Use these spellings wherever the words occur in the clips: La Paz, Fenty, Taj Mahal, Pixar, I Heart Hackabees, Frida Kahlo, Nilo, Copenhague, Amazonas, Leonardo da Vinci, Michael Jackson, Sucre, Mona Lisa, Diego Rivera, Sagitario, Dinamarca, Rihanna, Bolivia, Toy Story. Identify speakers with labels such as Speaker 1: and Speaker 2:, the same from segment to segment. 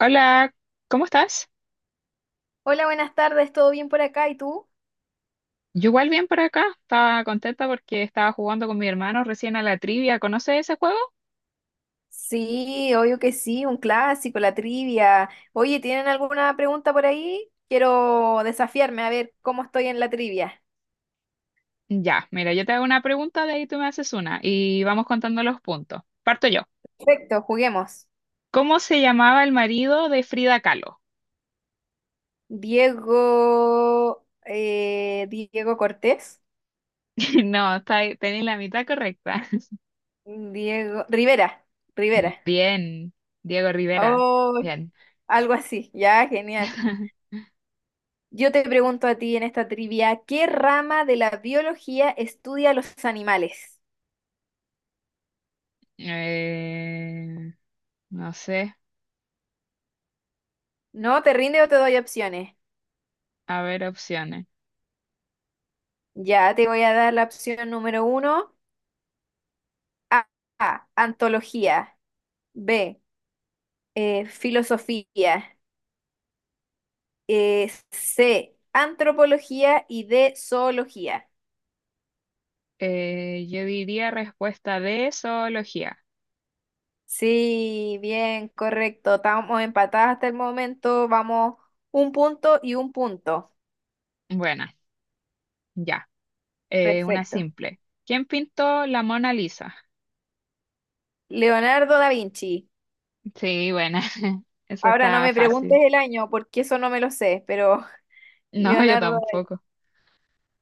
Speaker 1: Hola, ¿cómo estás?
Speaker 2: Hola, buenas tardes, ¿todo bien por acá? ¿Y tú?
Speaker 1: Yo igual bien por acá. Estaba contenta porque estaba jugando con mi hermano recién a la trivia. ¿Conoces ese juego?
Speaker 2: Sí, obvio que sí, un clásico, la trivia. Oye, ¿tienen alguna pregunta por ahí? Quiero desafiarme a ver cómo estoy en la trivia.
Speaker 1: Ya, mira, yo te hago una pregunta, de ahí tú me haces una y vamos contando los puntos. Parto yo.
Speaker 2: Perfecto, juguemos.
Speaker 1: ¿Cómo se llamaba el marido de Frida Kahlo?
Speaker 2: Diego Cortés,
Speaker 1: No, tenéis la mitad correcta.
Speaker 2: Diego Rivera, Rivera.
Speaker 1: Bien, Diego Rivera.
Speaker 2: Oh,
Speaker 1: Bien.
Speaker 2: algo así, ya, genial. Yo te pregunto a ti en esta trivia, ¿qué rama de la biología estudia los animales?
Speaker 1: Eh, no sé,
Speaker 2: ¿No te rinde o te doy opciones?
Speaker 1: a ver opciones.
Speaker 2: Ya te voy a dar la opción número uno. A, A, antología. B, filosofía. C, antropología y D, zoología.
Speaker 1: Yo diría respuesta de zoología.
Speaker 2: Sí, bien, correcto. Estamos empatadas hasta el momento. Vamos un punto y un punto.
Speaker 1: Bueno. Ya. Una
Speaker 2: Perfecto.
Speaker 1: simple. ¿Quién pintó la Mona Lisa?
Speaker 2: Leonardo da Vinci.
Speaker 1: Sí, buena. Eso
Speaker 2: Ahora no
Speaker 1: está
Speaker 2: me preguntes
Speaker 1: fácil.
Speaker 2: el año porque eso no me lo sé, pero
Speaker 1: No, yo
Speaker 2: Leonardo,
Speaker 1: tampoco.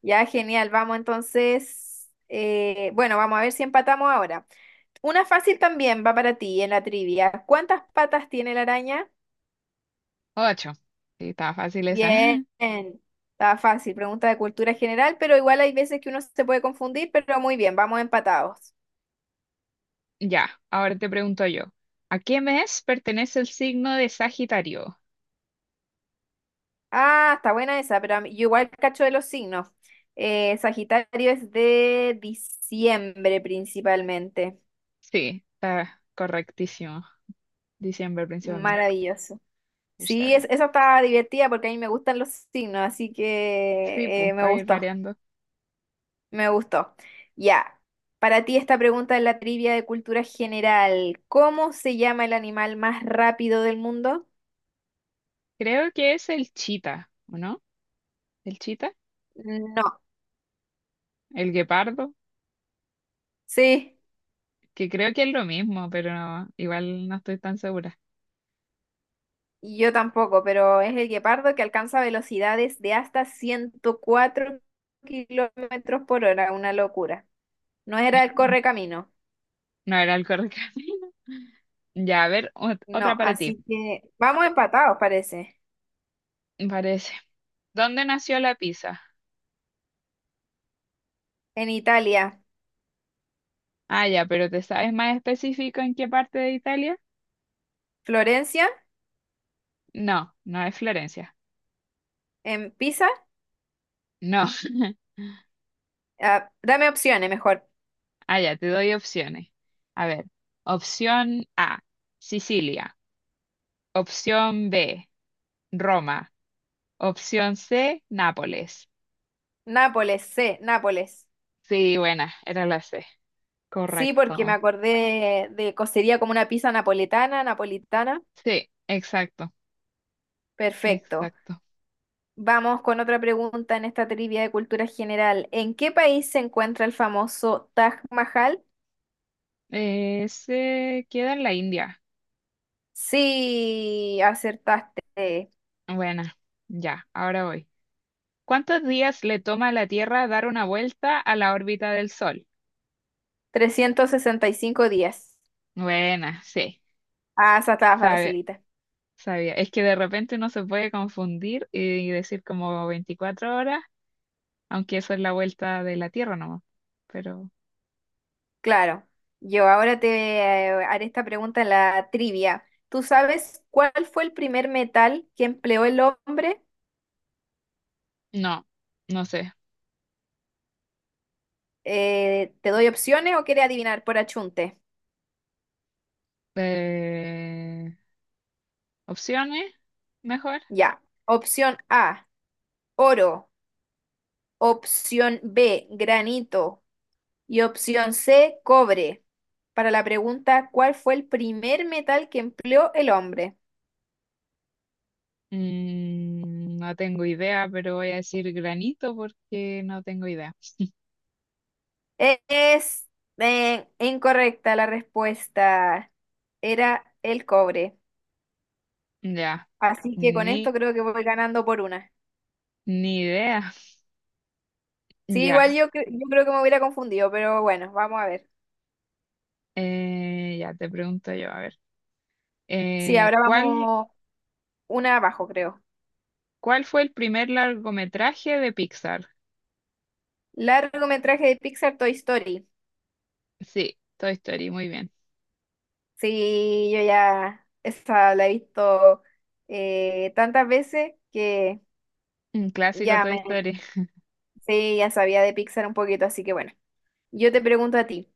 Speaker 2: ya genial. Vamos entonces, bueno, vamos a ver si empatamos ahora. Una fácil también va para ti en la trivia. ¿Cuántas patas tiene la araña?
Speaker 1: Ocho. Sí, estaba fácil esa.
Speaker 2: Bien, está fácil. Pregunta de cultura general, pero igual hay veces que uno se puede confundir, pero muy bien, vamos empatados.
Speaker 1: Ya, ahora te pregunto yo. ¿A qué mes pertenece el signo de Sagitario?
Speaker 2: Ah, está buena esa, pero yo igual cacho de los signos. Sagitario es de diciembre principalmente.
Speaker 1: Sí, está correctísimo. Diciembre principalmente.
Speaker 2: Maravilloso.
Speaker 1: Está
Speaker 2: Sí,
Speaker 1: bien.
Speaker 2: esa está divertida porque a mí me gustan los signos, así
Speaker 1: Sí,
Speaker 2: que
Speaker 1: pues
Speaker 2: me
Speaker 1: para ir
Speaker 2: gustó.
Speaker 1: variando.
Speaker 2: Me gustó. Ya, para ti esta pregunta es la trivia de cultura general. ¿Cómo se llama el animal más rápido del mundo?
Speaker 1: Creo que es el chita, ¿o no? ¿El chita?
Speaker 2: No,
Speaker 1: ¿El guepardo?
Speaker 2: sí,
Speaker 1: Que creo que es lo mismo, pero igual no estoy tan segura.
Speaker 2: y yo tampoco, pero es el guepardo que alcanza velocidades de hasta 104 kilómetros por hora, una locura. No era el correcamino,
Speaker 1: No era el correcto. Ya, a ver, otra
Speaker 2: no,
Speaker 1: para ti,
Speaker 2: así que vamos empatados, parece.
Speaker 1: me parece. ¿Dónde nació la pizza?
Speaker 2: En Italia,
Speaker 1: Ah, ya, pero ¿te sabes más específico en qué parte de Italia?
Speaker 2: Florencia,
Speaker 1: No, no es Florencia.
Speaker 2: en Pisa,
Speaker 1: No.
Speaker 2: ah, dame opciones mejor.
Speaker 1: Ah, ya, te doy opciones. A ver, opción A, Sicilia. Opción B, Roma. Opción C, Nápoles.
Speaker 2: Nápoles, C, Nápoles.
Speaker 1: Sí, buena, era la C.
Speaker 2: Sí, porque me
Speaker 1: Correcto.
Speaker 2: acordé de cocería como una pizza napoletana, napolitana.
Speaker 1: Sí, exacto,
Speaker 2: Perfecto.
Speaker 1: exacto.
Speaker 2: Vamos con otra pregunta en esta trivia de cultura general. ¿En qué país se encuentra el famoso Taj Mahal?
Speaker 1: Se queda en la India.
Speaker 2: Sí, acertaste.
Speaker 1: Buena, ya, ahora voy. ¿Cuántos días le toma a la Tierra dar una vuelta a la órbita del Sol?
Speaker 2: 365 días.
Speaker 1: Buena, sí,
Speaker 2: Ah, esa estaba
Speaker 1: sabe,
Speaker 2: facilita.
Speaker 1: sabía. Es que de repente uno se puede confundir y decir como 24 horas, aunque eso es la vuelta de la Tierra nomás. Pero
Speaker 2: Claro. Yo ahora te haré esta pregunta en la trivia. ¿Tú sabes cuál fue el primer metal que empleó el hombre?
Speaker 1: no, no sé.
Speaker 2: ¿Te doy opciones o quieres adivinar por achunte?
Speaker 1: Eh, ¿Opciones? Mejor.
Speaker 2: Ya. Opción A, oro. Opción B, granito. Y opción C, cobre. Para la pregunta, ¿cuál fue el primer metal que empleó el hombre?
Speaker 1: Mm, no tengo idea, pero voy a decir granito porque no tengo idea.
Speaker 2: Es incorrecta la respuesta. Era el cobre.
Speaker 1: Ya,
Speaker 2: Así que con
Speaker 1: ni,
Speaker 2: esto creo que voy ganando por una.
Speaker 1: ni idea.
Speaker 2: Sí, igual
Speaker 1: Ya.
Speaker 2: yo creo que me hubiera confundido, pero bueno, vamos a ver.
Speaker 1: Ya te pregunto yo, a ver.
Speaker 2: Sí,
Speaker 1: Eh,
Speaker 2: ahora
Speaker 1: ¿cuál,
Speaker 2: vamos una abajo, creo.
Speaker 1: cuál fue el primer largometraje de Pixar?
Speaker 2: Largometraje de Pixar Toy Story.
Speaker 1: Sí, Toy Story, muy bien.
Speaker 2: Sí, yo ya esa la he visto tantas veces que
Speaker 1: Un clásico
Speaker 2: ya
Speaker 1: Toy
Speaker 2: me,
Speaker 1: Story.
Speaker 2: sí, ya sabía de Pixar un poquito, así que bueno, yo te pregunto a ti.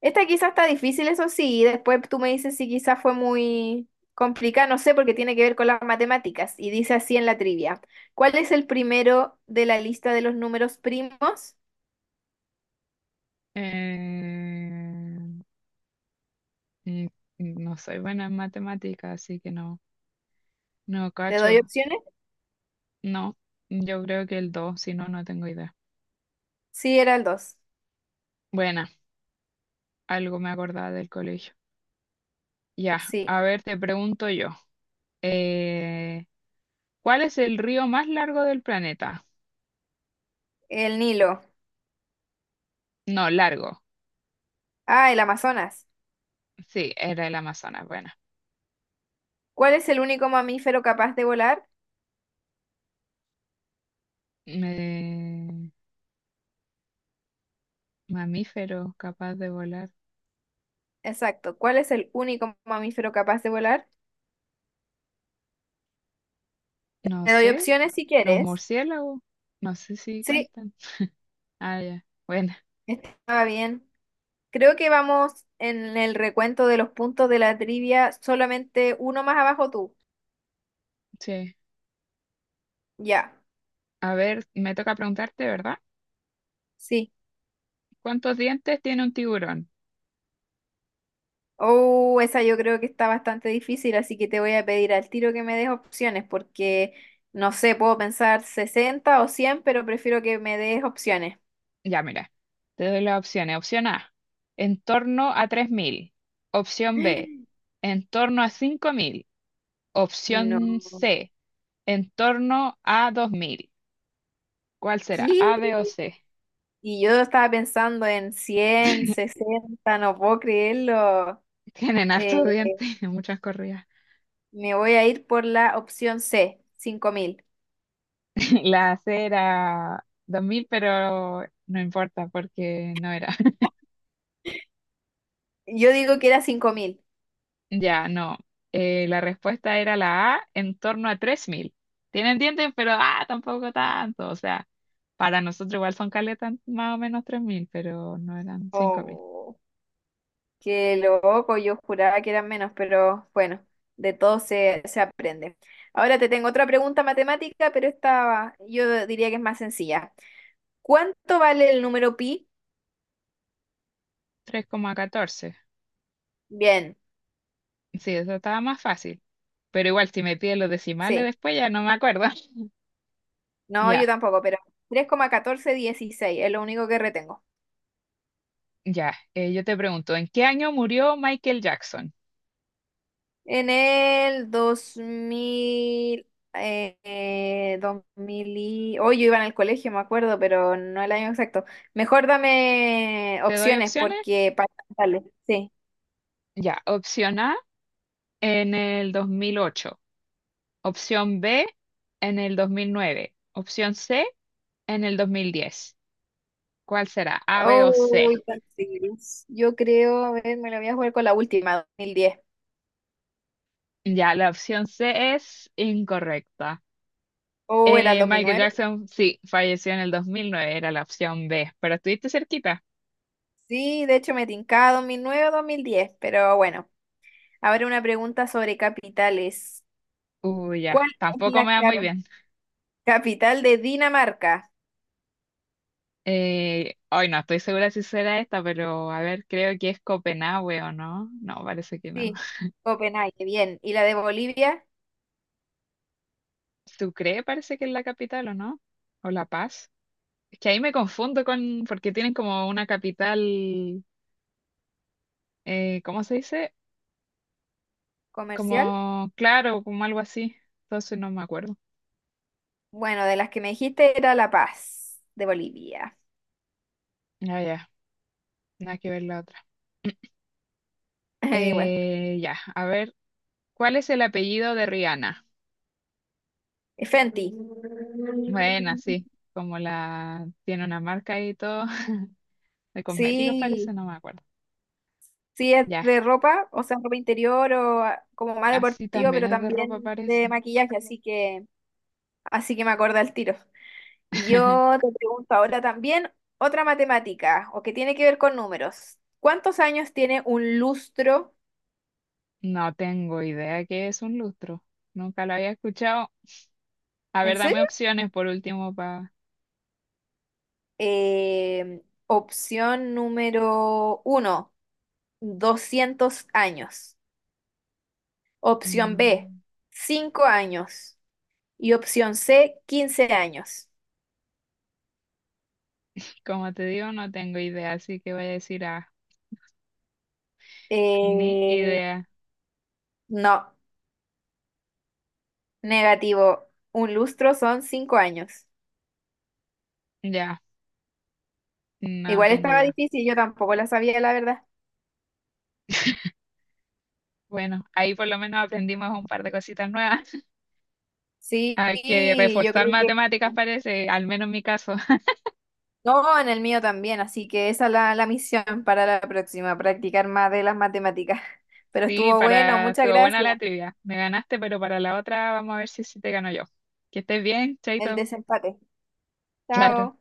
Speaker 2: Esta quizás está difícil, eso sí, y después tú me dices si quizás fue muy complicada, no sé, porque tiene que ver con las matemáticas, y dice así en la trivia. ¿Cuál es el primero de la lista de los números primos?
Speaker 1: Eh, mm, mm, no soy buena en matemáticas, así que no, no
Speaker 2: ¿Te doy
Speaker 1: cacho.
Speaker 2: opciones?
Speaker 1: No, yo creo que el dos, si no, no tengo idea.
Speaker 2: Sí, era el dos.
Speaker 1: Buena, algo me acordaba del colegio. Ya,
Speaker 2: Sí,
Speaker 1: a ver, te pregunto yo. Eh, ¿Cuál es el río más largo del planeta?
Speaker 2: el Nilo.
Speaker 1: No, largo.
Speaker 2: Ah, el Amazonas.
Speaker 1: Sí, era el Amazonas. Bueno.
Speaker 2: ¿Cuál es el único mamífero capaz de volar?
Speaker 1: Eh, Mamíferos capaz de volar.
Speaker 2: Exacto. ¿Cuál es el único mamífero capaz de volar?
Speaker 1: No
Speaker 2: Te doy
Speaker 1: sé.
Speaker 2: opciones si
Speaker 1: Los
Speaker 2: quieres.
Speaker 1: murciélagos. No sé si
Speaker 2: Sí,
Speaker 1: cuentan. Ah, ya. Bueno,
Speaker 2: estaba bien. Creo que vamos en el recuento de los puntos de la trivia, solamente uno más abajo tú.
Speaker 1: sí.
Speaker 2: Ya,
Speaker 1: A ver, me toca preguntarte, ¿verdad?
Speaker 2: sí.
Speaker 1: ¿Cuántos dientes tiene un tiburón?
Speaker 2: Oh, esa yo creo que está bastante difícil, así que te voy a pedir al tiro que me des opciones, porque no sé, puedo pensar 60 o 100, pero prefiero que me des opciones.
Speaker 1: Ya, mira. Te doy las opciones. Opción A, en torno a 3.000. Opción B, en torno a 5.000. Opción
Speaker 2: No.
Speaker 1: C, en torno a 2.000. ¿Cuál será?
Speaker 2: ¿Qué?
Speaker 1: ¿A, B o C?
Speaker 2: Y yo estaba pensando en 160, no puedo creerlo.
Speaker 1: Tienen
Speaker 2: Eh,
Speaker 1: hartos dientes y muchas corridas.
Speaker 2: Me voy a ir por la opción C, 5.000.
Speaker 1: La C era 2.000, pero no importa porque no era.
Speaker 2: Yo digo que era 5.000.
Speaker 1: Ya, no. La respuesta era la A, en torno a 3.000. Tienen dientes, pero ah, tampoco tanto. O sea, para nosotros igual son caletas más o menos 3.000, pero no eran 5.000.
Speaker 2: Oh, qué loco, yo juraba que eran menos, pero bueno, de todo se aprende. Ahora te tengo otra pregunta matemática, pero esta yo diría que es más sencilla. ¿Cuánto vale el número pi?
Speaker 1: 3,14.
Speaker 2: Bien,
Speaker 1: Sí, eso estaba más fácil. Pero igual, si me piden los decimales
Speaker 2: sí.
Speaker 1: después, ya no me acuerdo.
Speaker 2: No,
Speaker 1: Ya,
Speaker 2: yo tampoco, pero 3,1416 es lo único que retengo.
Speaker 1: ya. Yo te pregunto, ¿en qué año murió Michael Jackson?
Speaker 2: En el 2000, 2000 y... Hoy yo iba en el colegio, me acuerdo, pero no el año exacto. Mejor dame
Speaker 1: ¿Te doy
Speaker 2: opciones
Speaker 1: opciones?
Speaker 2: porque para... Dale, sí.
Speaker 1: Ya, opción A, en el 2008. Opción B, en el 2009. Opción C, en el 2010. ¿Cuál será? ¿A, B o
Speaker 2: Oh
Speaker 1: C?
Speaker 2: entonces, yo creo, a ver, me lo voy a jugar con la última, 2010.
Speaker 1: Ya, la opción C es incorrecta.
Speaker 2: ¿O era el dos mil
Speaker 1: Michael
Speaker 2: nueve
Speaker 1: Jackson, sí, falleció en el 2009, era la opción B, pero estuviste cerquita.
Speaker 2: Sí, de hecho me tincaba 2009 o 2010, pero bueno. Ahora una pregunta sobre capitales.
Speaker 1: Uy,
Speaker 2: ¿Cuál
Speaker 1: ya,
Speaker 2: es
Speaker 1: tampoco
Speaker 2: la
Speaker 1: me va muy bien.
Speaker 2: capital de Dinamarca?
Speaker 1: Hoy no estoy segura si será esta, pero a ver, creo que es Copenhague o no. No, parece que no.
Speaker 2: Sí, Copenhague, bien. ¿Y la de Bolivia,
Speaker 1: Sucre parece que es la capital o no, o La Paz. Es que ahí me confundo con, porque tienen como una capital, ¿cómo se dice?
Speaker 2: comercial?
Speaker 1: Como, claro, como algo así. Entonces no me acuerdo.
Speaker 2: Bueno, de las que me dijiste era La Paz, de Bolivia.
Speaker 1: Ah, ya, nada que ver la otra.
Speaker 2: Igual.
Speaker 1: Ya, a ver, ¿cuál es el apellido de Rihanna?
Speaker 2: Fenty.
Speaker 1: Bueno, sí, como la tiene una marca y todo, de cosméticos
Speaker 2: Sí,
Speaker 1: parece, no me acuerdo.
Speaker 2: sí es
Speaker 1: Ya,
Speaker 2: de ropa, o sea, ropa interior o ah, como más
Speaker 1: así
Speaker 2: deportivo,
Speaker 1: también
Speaker 2: pero
Speaker 1: es de ropa
Speaker 2: también de
Speaker 1: parece.
Speaker 2: maquillaje, así que me acuerdo al tiro. Y yo te pregunto ahora también otra matemática, o que tiene que ver con números. ¿Cuántos años tiene un lustro?
Speaker 1: No tengo idea qué es un lustro. Nunca lo había escuchado. A
Speaker 2: ¿En
Speaker 1: ver, dame
Speaker 2: serio?
Speaker 1: opciones por último para...
Speaker 2: Opción número uno, 200 años. Opción B, 5 años. Y opción C, 15 años.
Speaker 1: Como te digo, no tengo idea, así que voy a decir A. Ni
Speaker 2: Eh,
Speaker 1: idea.
Speaker 2: no, negativo. Un lustro son 5 años.
Speaker 1: Ya, no
Speaker 2: Igual
Speaker 1: tengo
Speaker 2: estaba
Speaker 1: idea.
Speaker 2: difícil, yo tampoco la sabía, la verdad.
Speaker 1: Bueno, ahí por lo menos aprendimos un par de cositas nuevas.
Speaker 2: Sí,
Speaker 1: Hay que
Speaker 2: yo
Speaker 1: reforzar
Speaker 2: creo que...
Speaker 1: matemáticas, parece, al menos en mi caso.
Speaker 2: No, en el mío también, así que esa es la misión para la próxima, practicar más de las matemáticas. Pero
Speaker 1: Sí,
Speaker 2: estuvo bueno,
Speaker 1: para...
Speaker 2: muchas
Speaker 1: Estuvo buena
Speaker 2: gracias.
Speaker 1: la trivia. Me ganaste, pero para la otra vamos a ver si, te gano yo. Que estés bien,
Speaker 2: El
Speaker 1: Chaito.
Speaker 2: desempate.
Speaker 1: Claro.
Speaker 2: Chao.